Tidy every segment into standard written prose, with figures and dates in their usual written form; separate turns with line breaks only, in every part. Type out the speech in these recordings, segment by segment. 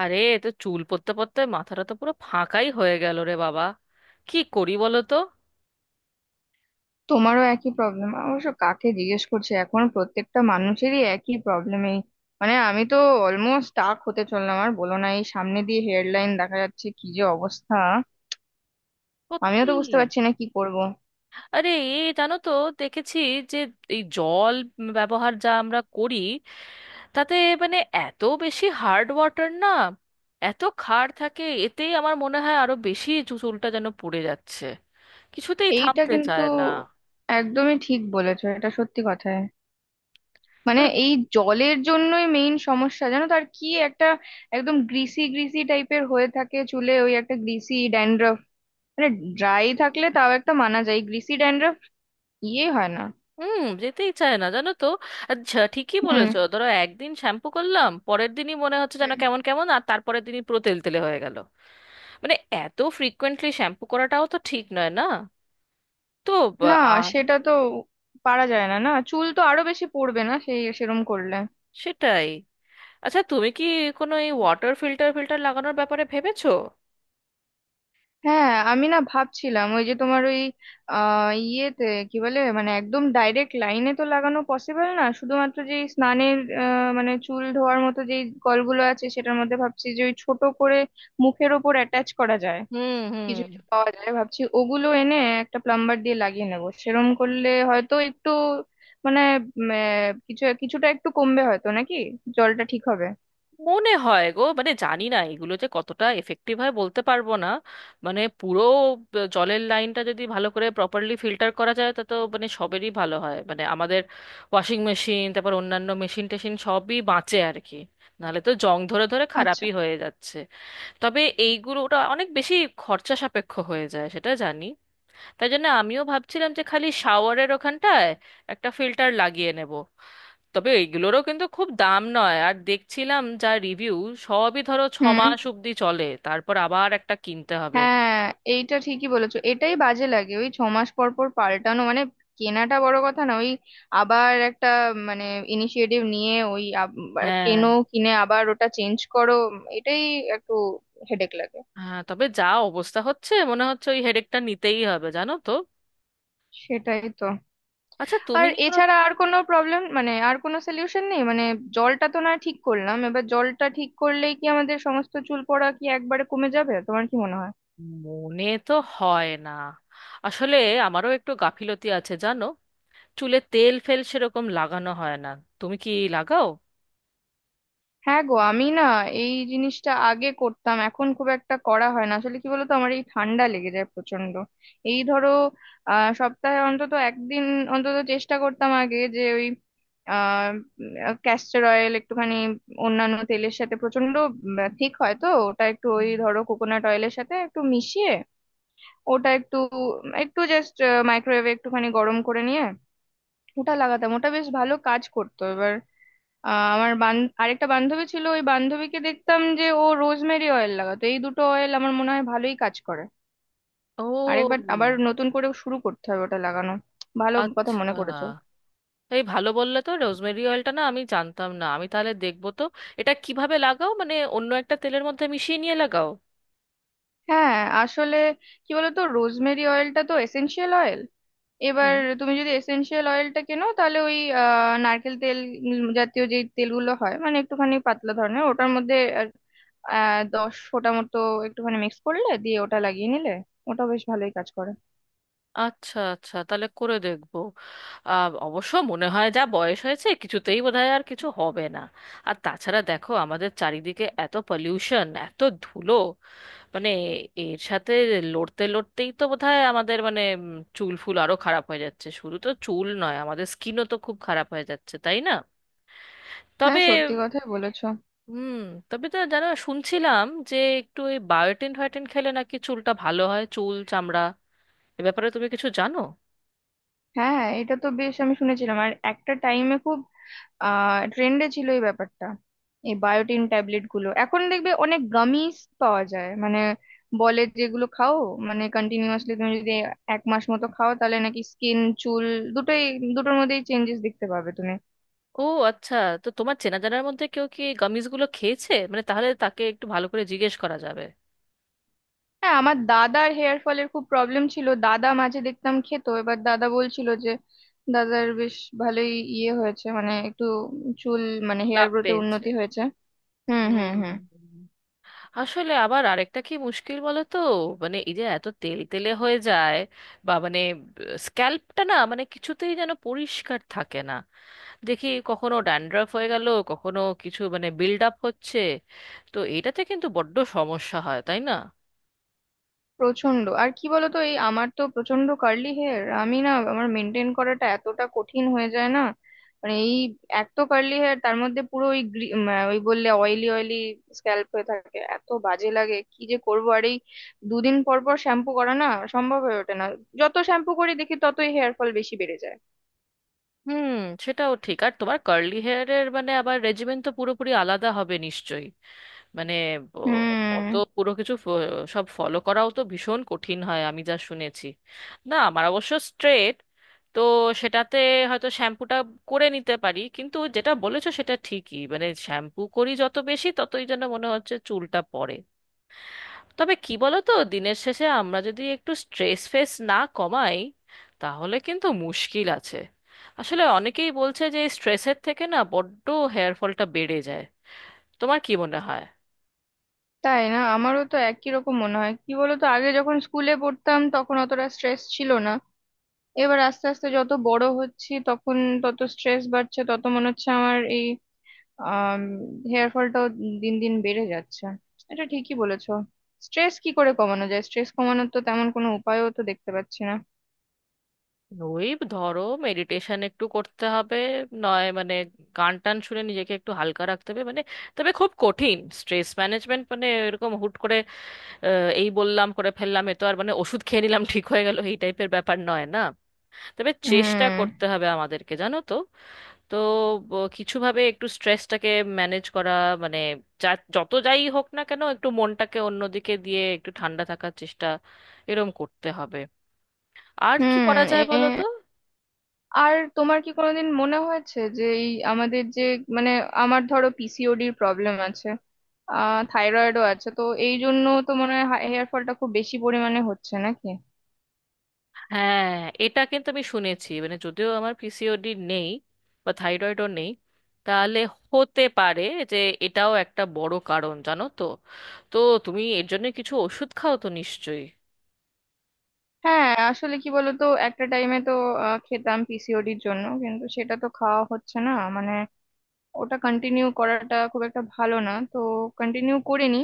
আরে এ তো চুল পড়তে পড়তে মাথাটা তো পুরো ফাঁকাই হয়ে গেল রে বাবা। কি করি বলো তো?
তোমারও একই প্রবলেম। অবশ্য কাকে জিজ্ঞেস করছে, এখন প্রত্যেকটা মানুষেরই একই প্রবলেমই। মানে আমি তো অলমোস্ট স্টাক হতে চললাম। আর বলো না, এই সামনে দিয়ে হেডলাইন দেখা যাচ্ছে, কি যে অবস্থা। আমিও তো
সত্যি।
বুঝতে পারছি না কি করব।
আরে এ জানো তো, দেখেছি যে এই জল ব্যবহার যা আমরা করি তাতে মানে এত বেশি হার্ড ওয়াটার না, এত ক্ষার থাকে, এতেই আমার মনে হয় আরো বেশি চুলটা যেন পড়ে যাচ্ছে, কিছুতেই
এইটা
থামতে
কিন্তু
চায় না।
একদমই ঠিক বলেছো, এটা সত্যি কথায়। মানে এই জলের জন্যই মেইন সমস্যা, জানো তো, আর কি। একটা একদম গ্রিসি গ্রিসি টাইপের হয়ে থাকে চুলে, ওই একটা গ্রিসি ড্যান্ড্রফ। মানে ড্রাই থাকলে তাও একটা মানা যায়, গ্রিসি ড্যান্ড্রফ ইয়ে হয় না।
হুম, যেতেই চায় না জানো তো। আচ্ছা, ঠিকই
হুম।
বলেছো, ধরো একদিন শ্যাম্পু করলাম পরের দিনই মনে হচ্ছে যেন
হুম।
কেমন কেমন আর তারপরের দিনই পুরো তেল তেলে হয়ে গেল। মানে এত ফ্রিকোয়েন্টলি শ্যাম্পু করাটাও তো ঠিক নয় না। তো বা-
না,
আ-
সেটা তো পারা যায় না, না চুল তো আরো বেশি পড়বে না সেই সেরম করলে।
সেটাই। আচ্ছা, তুমি কি কোনো এই ওয়াটার ফিল্টার ফিল্টার লাগানোর ব্যাপারে ভেবেছো?
হ্যাঁ, আমি না ভাবছিলাম ওই যে তোমার ওই ইয়েতে কি বলে, মানে একদম ডাইরেক্ট লাইনে তো লাগানো পসিবল না, শুধুমাত্র যে স্নানের মানে চুল ধোয়ার মতো যেই কলগুলো আছে সেটার মধ্যে ভাবছি যে ওই ছোট করে মুখের ওপর অ্যাটাচ করা যায়।
হুম
কিছু
হুম।
কিছু পাওয়া যায়, ভাবছি ওগুলো এনে একটা প্লাম্বার দিয়ে লাগিয়ে নেবো, সেরম করলে হয়তো একটু মানে কিছু কিছুটা একটু কমবে হয়তো, নাকি জলটা ঠিক হবে।
মনে হয় গো, মানে জানি না এগুলো যে কতটা এফেক্টিভ হয় বলতে পারবো না। মানে পুরো জলের লাইনটা যদি ভালো করে প্রপারলি ফিল্টার করা যায়, তা তো মানে সবেরই ভালো হয়, মানে আমাদের ওয়াশিং মেশিন, তারপর অন্যান্য মেশিন টেশিন সবই বাঁচে আর কি। নাহলে তো জং ধরে ধরে
আচ্ছা।
খারাপই হয়ে যাচ্ছে। তবে এইগুলোটা অনেক বেশি খরচা সাপেক্ষ হয়ে যায় সেটা জানি, তাই জন্য আমিও ভাবছিলাম যে খালি শাওয়ারের ওখানটায় একটা ফিল্টার লাগিয়ে নেব। তবে এইগুলোরও কিন্তু খুব দাম নয়, আর দেখছিলাম যা রিভিউ সবই ধরো ছ
হুম।
মাস অব্দি চলে, তারপর আবার একটা কিনতে হবে।
হ্যাঁ, এইটা ঠিকই বলেছো, এটাই বাজে লাগে, ওই 6 মাস পর পর পাল্টানো। মানে কেনাটা বড় কথা না, ওই আবার একটা মানে ইনিশিয়েটিভ নিয়ে ওই
হ্যাঁ
কেনো, কিনে আবার ওটা চেঞ্জ করো, এটাই একটু হেডেক লাগে।
হ্যাঁ, তবে যা অবস্থা হচ্ছে মনে হচ্ছে ওই হেডেকটা নিতেই হবে জানো তো।
সেটাই তো।
আচ্ছা, তুমি
আর
কি কোনো।
এছাড়া আর কোনো প্রবলেম, মানে আর কোনো সলিউশন নেই? মানে জলটা তো না ঠিক করলাম, এবার জলটা ঠিক করলেই কি আমাদের সমস্ত চুল পড়া কি একবারে কমে যাবে, তোমার কি মনে হয়?
মনে তো হয় না। আসলে আমারও একটু গাফিলতি আছে জানো, চুলে তেল ফেল সেরকম লাগানো হয় না। তুমি কি লাগাও?
হ্যাঁ গো, আমি না এই জিনিসটা আগে করতাম, এখন খুব একটা করা হয় না। আসলে কি বলতো, আমার এই ঠান্ডা লেগে যায় প্রচন্ড। এই ধরো সপ্তাহে অন্তত একদিন অন্তত চেষ্টা করতাম আগে, যে ওই আহ ক্যাস্টর অয়েল একটুখানি অন্যান্য তেলের সাথে প্রচন্ড ঠিক হয় তো, ওটা একটু ওই
হুম।
ধরো কোকোনাট অয়েলের সাথে একটু মিশিয়ে, ওটা একটু একটু জাস্ট মাইক্রোওয়েভে একটুখানি গরম করে নিয়ে ওটা লাগাতাম, ওটা বেশ ভালো কাজ করতো। এবার আহ আমার বান আরেকটা বান্ধবী ছিল, ওই বান্ধবীকে দেখতাম যে ও রোজমেরি অয়েল লাগাতো, এই দুটো অয়েল আমার মনে হয় ভালোই কাজ করে।
ও
আরেকবার আবার নতুন করে শুরু করতে হবে ওটা লাগানো, ভালো কথা
আচ্ছা,
মনে করেছো।
এই ভালো বললে তো, রোজমেরি অয়েলটা না আমি জানতাম না, আমি তাহলে দেখবো তো। এটা কিভাবে লাগাও, মানে অন্য একটা তেলের মধ্যে মিশিয়ে নিয়ে লাগাও?
হ্যাঁ, আসলে কি বলতো, রোজমেরি অয়েলটা তো এসেনশিয়াল অয়েল। এবার
হুম।
তুমি যদি এসেনশিয়াল অয়েলটা কেনো, তাহলে ওই নারকেল তেল জাতীয় যে তেলগুলো হয়, মানে একটুখানি পাতলা ধরনের, ওটার মধ্যে আর, 10 ফোঁটা মতো একটুখানি মিক্স করলে দিয়ে ওটা লাগিয়ে নিলে ওটা বেশ ভালোই কাজ করে।
আচ্ছা আচ্ছা, তাহলে করে দেখবো। অবশ্য মনে হয় যা বয়স হয়েছে কিছুতেই বোধহয় আর কিছু হবে না। আর তাছাড়া দেখো, আমাদের চারিদিকে এত পলিউশন এত ধুলো, মানে এর সাথে লড়তে লড়তেই তো বোধহয় আমাদের মানে চুল ফুল আরো খারাপ হয়ে যাচ্ছে, শুধু তো চুল নয় আমাদের স্কিনও তো খুব খারাপ হয়ে যাচ্ছে, তাই না?
হ্যাঁ,
তবে
সত্যি কথাই বলেছো।
হুম, তবে তো জানো শুনছিলাম যে একটু ওই বায়োটিন ফায়োটিন খেলে নাকি চুলটা ভালো হয়, চুল চামড়া, এ ব্যাপারে তুমি কিছু জানো?
হ্যাঁ, এটা তো বেশ, আমি শুনেছিলাম আর একটা টাইমে খুব ট্রেন্ডে ছিল এই ব্যাপারটা, এই বায়োটিন ট্যাবলেট গুলো। এখন দেখবে অনেক গামিজ পাওয়া যায়, মানে বলে যেগুলো খাও, মানে কন্টিনিউয়াসলি তুমি যদি এক মাস মতো খাও তাহলে নাকি স্কিন চুল দুটোই, দুটোর মধ্যেই চেঞ্জেস দেখতে পাবে তুমি।
ও আচ্ছা, তো তোমার চেনা জানার মধ্যে কেউ কি গামিজ গুলো খেয়েছে মানে? তাহলে তাকে একটু ভালো করে জিজ্ঞেস করা যাবে।
হ্যাঁ, আমার দাদার হেয়ার ফলের খুব প্রবলেম ছিল, দাদা মাঝে দেখতাম খেত, এবার দাদা বলছিল যে দাদার বেশ ভালোই ইয়ে হয়েছে, মানে একটু চুল, মানে হেয়ার
লাভ
গ্রোথে
পেয়েছে।
উন্নতি হয়েছে। হুম, হুম,
হুম।
হুম।
আসলে আবার আরেকটা কি মুশকিল বলো তো, মানে এই যে এত তেল তেলে হয়ে যায়, বা মানে স্ক্যাল্পটা না মানে কিছুতেই যেন পরিষ্কার থাকে না। দেখি কখনো ড্যান্ড্রাফ হয়ে গেল, কখনো কিছু মানে বিল্ড আপ হচ্ছে, তো এটাতে কিন্তু বড্ড সমস্যা হয় তাই না?
প্রচন্ড। আর কি বলতো, এই আমার তো প্রচন্ড কার্লি হেয়ার, আমি না আমার মেনটেন করাটা এতটা কঠিন হয়ে যায় না। মানে এই এক তো কার্লি হেয়ার, তার মধ্যে পুরো ওই ওই বললে অয়েলি অয়েলি স্ক্যাল্প হয়ে থাকে, এত বাজে লাগে, কি যে করবো। আর এই দুদিন পর পর শ্যাম্পু করা না সম্ভব হয়ে ওঠে না, যত শ্যাম্পু করি দেখি ততই হেয়ার ফল বেশি বেড়ে যায়।
হুম, সেটাও ঠিক। আর তোমার কার্লি হেয়ারের মানে আবার রেজিমেন্ট তো পুরোপুরি আলাদা হবে নিশ্চয়ই, মানে ব- অত
হুম।
পুরো কিছু সব ফলো করাও তো ভীষণ কঠিন হয়, আমি যা শুনেছি। না, আমার অবশ্য স্ট্রেট, তো সেটাতে হয়তো শ্যাম্পুটা করে নিতে পারি, কিন্তু যেটা বলেছো সেটা ঠিকই মানে শ্যাম্পু করি যত বেশি ততই যেন মনে হচ্ছে চুলটা পড়ে। তবে কি বলো তো, দিনের শেষে আমরা যদি একটু স্ট্রেস ফেস না কমাই, তাহলে কিন্তু মুশকিল আছে। আসলে অনেকেই বলছে যে স্ট্রেসের থেকে না বড্ড হেয়ার ফলটা বেড়ে যায়। তোমার কি মনে হয়?
তাই না? আমারও তো একই রকম মনে হয়। কি বলতো, আগে যখন স্কুলে পড়তাম তখন অতটা স্ট্রেস ছিল না, এবার আস্তে আস্তে যত বড় হচ্ছি তখন তত স্ট্রেস বাড়ছে, তত মনে হচ্ছে আমার এই আহ হেয়ার ফলটাও দিন দিন বেড়ে যাচ্ছে। এটা ঠিকই বলেছো। স্ট্রেস কি করে কমানো যায়? স্ট্রেস কমানোর তো তেমন কোনো উপায়ও তো দেখতে পাচ্ছি না।
ওই ধরো মেডিটেশন একটু করতে হবে, নয় মানে গান টান শুনে নিজেকে একটু হালকা রাখতে হবে, মানে তবে খুব কঠিন স্ট্রেস ম্যানেজমেন্ট, মানে এরকম হুট করে এই বললাম করে ফেললাম, এ তো আর মানে ওষুধ খেয়ে নিলাম ঠিক হয়ে গেল এই টাইপের ব্যাপার নয় না। তবে
হুম।
চেষ্টা করতে হবে আমাদেরকে জানো তো। তো কিছুভাবে একটু স্ট্রেসটাকে ম্যানেজ করা মানে যা যত যাই হোক না কেন একটু মনটাকে অন্যদিকে দিয়ে একটু ঠান্ডা থাকার চেষ্টা, এরম করতে হবে। আর কি
হুম।
করা
এ,
যায় বলো তো?
আর তোমার কি কোনোদিন মনে হয়েছে যে এই আমাদের যে, মানে আমার ধরো পিসিওডির প্রবলেম আছে, থাইরয়েডও আছে, তো এই জন্য তো মনে হয় হেয়ার ফলটা খুব বেশি পরিমাণে হচ্ছে নাকি?
হ্যাঁ, এটা কিন্তু আমি শুনেছি মানে, যদিও আমার পিসিওডি নেই বা থাইরয়েডও নেই, তাহলে হতে পারে যে এটাও একটা বড় কারণ জানো তো। তো তুমি এর জন্য কিছু ওষুধ খাও তো নিশ্চয়ই?
হ্যাঁ, আসলে কি বলতো, একটা টাইমে তো খেতাম পিসিওডির জন্য, কিন্তু সেটা তো খাওয়া হচ্ছে না, মানে ওটা কন্টিনিউ করাটা খুব একটা ভালো না, তো কন্টিনিউ করিনি।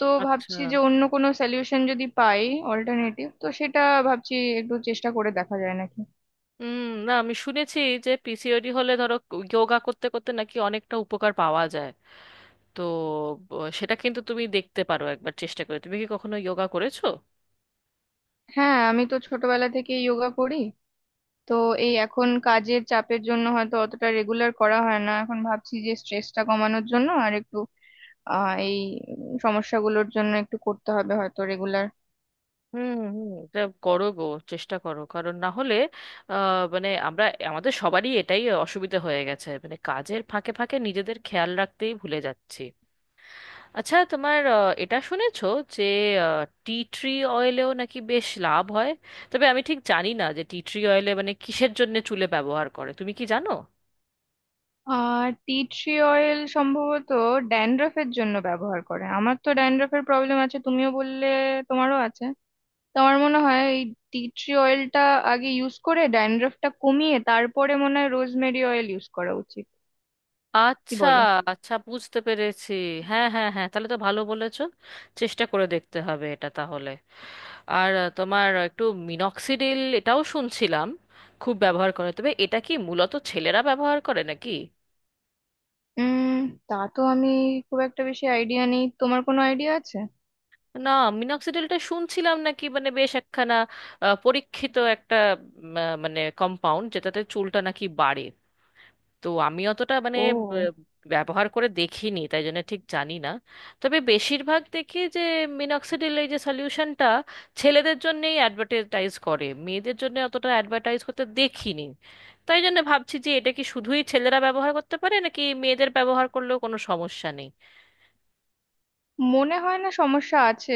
তো
আচ্ছা।
ভাবছি যে অন্য কোনো সলিউশন যদি পাই, অল্টারনেটিভ তো সেটা ভাবছি, একটু চেষ্টা করে দেখা যায় নাকি।
হুম, না আমি শুনেছি যে পিসিওডি হলে ধরো যোগা করতে করতে নাকি অনেকটা উপকার পাওয়া যায়, তো সেটা কিন্তু তুমি দেখতে পারো একবার চেষ্টা করে। তুমি কি কখনো যোগা করেছো?
হ্যাঁ, আমি তো ছোটবেলা থেকে যোগা করি। তো এই এখন কাজের চাপের জন্য হয়তো অতটা রেগুলার করা হয় না, এখন ভাবছি যে স্ট্রেসটা কমানোর জন্য আর একটু এই সমস্যাগুলোর জন্য একটু করতে হবে হয়তো রেগুলার।
হুম হুম, এটা করো গো, চেষ্টা করো কারণ না হলে মানে আমরা আমাদের সবারই এটাই অসুবিধা হয়ে গেছে মানে কাজের ফাঁকে ফাঁকে নিজেদের খেয়াল রাখতেই ভুলে যাচ্ছি। আচ্ছা তোমার, এটা শুনেছো যে টি ট্রি অয়েলেও নাকি বেশ লাভ হয়? তবে আমি ঠিক জানি না যে টি ট্রি অয়েলে মানে কিসের জন্য চুলে ব্যবহার করে, তুমি কি জানো?
টি ট্রি অয়েল সম্ভবত ড্যান্ড্রফের জন্য ব্যবহার করে। আমার তো ড্যান্ড্রফের প্রবলেম আছে, তুমিও বললে তোমারও আছে। তো আমার মনে হয় এই টি ট্রি অয়েলটা আগে ইউজ করে ড্যান্ড্রফটা কমিয়ে তারপরে মনে হয় রোজমেরি অয়েল ইউজ করা উচিত, কি
আচ্ছা
বলো?
আচ্ছা, বুঝতে পেরেছি। হ্যাঁ হ্যাঁ হ্যাঁ, তাহলে তো ভালো বলেছো, চেষ্টা করে দেখতে হবে এটা তাহলে। আর তোমার একটু মিনক্সিডিল এটাও শুনছিলাম খুব ব্যবহার করে, তবে এটা কি মূলত ছেলেরা ব্যবহার করে নাকি?
উম, তা তো আমি খুব একটা বেশি আইডিয়া নেই, তোমার কোনো আইডিয়া আছে?
না, মিনক্সিডিলটা শুনছিলাম নাকি মানে বেশ একখানা পরীক্ষিত একটা মানে কম্পাউন্ড যেটাতে চুলটা নাকি বাড়ে, তো আমি অতটা মানে
ও,
ব- ব্যবহার করে দেখিনি তাই জন্য ঠিক জানি না। তবে বেশিরভাগ দেখি যে মিনক্সিডিল এই যে সলিউশনটা ছেলেদের জন্যেই অ্যাডভার্টাইজ করে, মেয়েদের জন্য অতটা অ্যাডভার্টাইজ করতে দেখিনি, তাই জন্য ভাবছি যে এটা কি শুধুই ছেলেরা ব্যবহার করতে পারে নাকি মেয়েদের ব্যবহার করলেও কোনো সমস্যা নেই?
মনে হয় না সমস্যা আছে।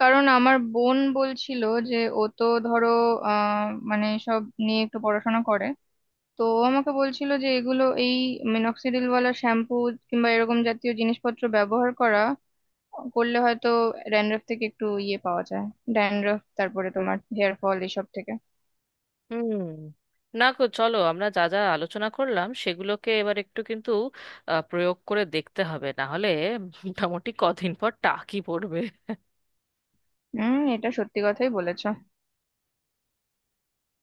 কারণ আমার বোন বলছিল যে ও তো ধরো আহ মানে সব নিয়ে একটু পড়াশোনা করে, তো ও আমাকে বলছিল যে এগুলো এই মেনক্সিডিল ওয়ালা শ্যাম্পু কিংবা এরকম জাতীয় জিনিসপত্র ব্যবহার করা করলে হয়তো ড্যান্ড্রফ থেকে একটু ইয়ে পাওয়া যায়, ড্যান্ড্রফ তারপরে তোমার হেয়ার ফল এসব থেকে।
হুম, না গো, চলো আমরা যা যা আলোচনা করলাম সেগুলোকে এবার একটু কিন্তু প্রয়োগ করে দেখতে হবে, না হলে মোটামুটি কদিন পর টাকি পড়বে।
হুম, এটা সত্যি কথাই বলেছো।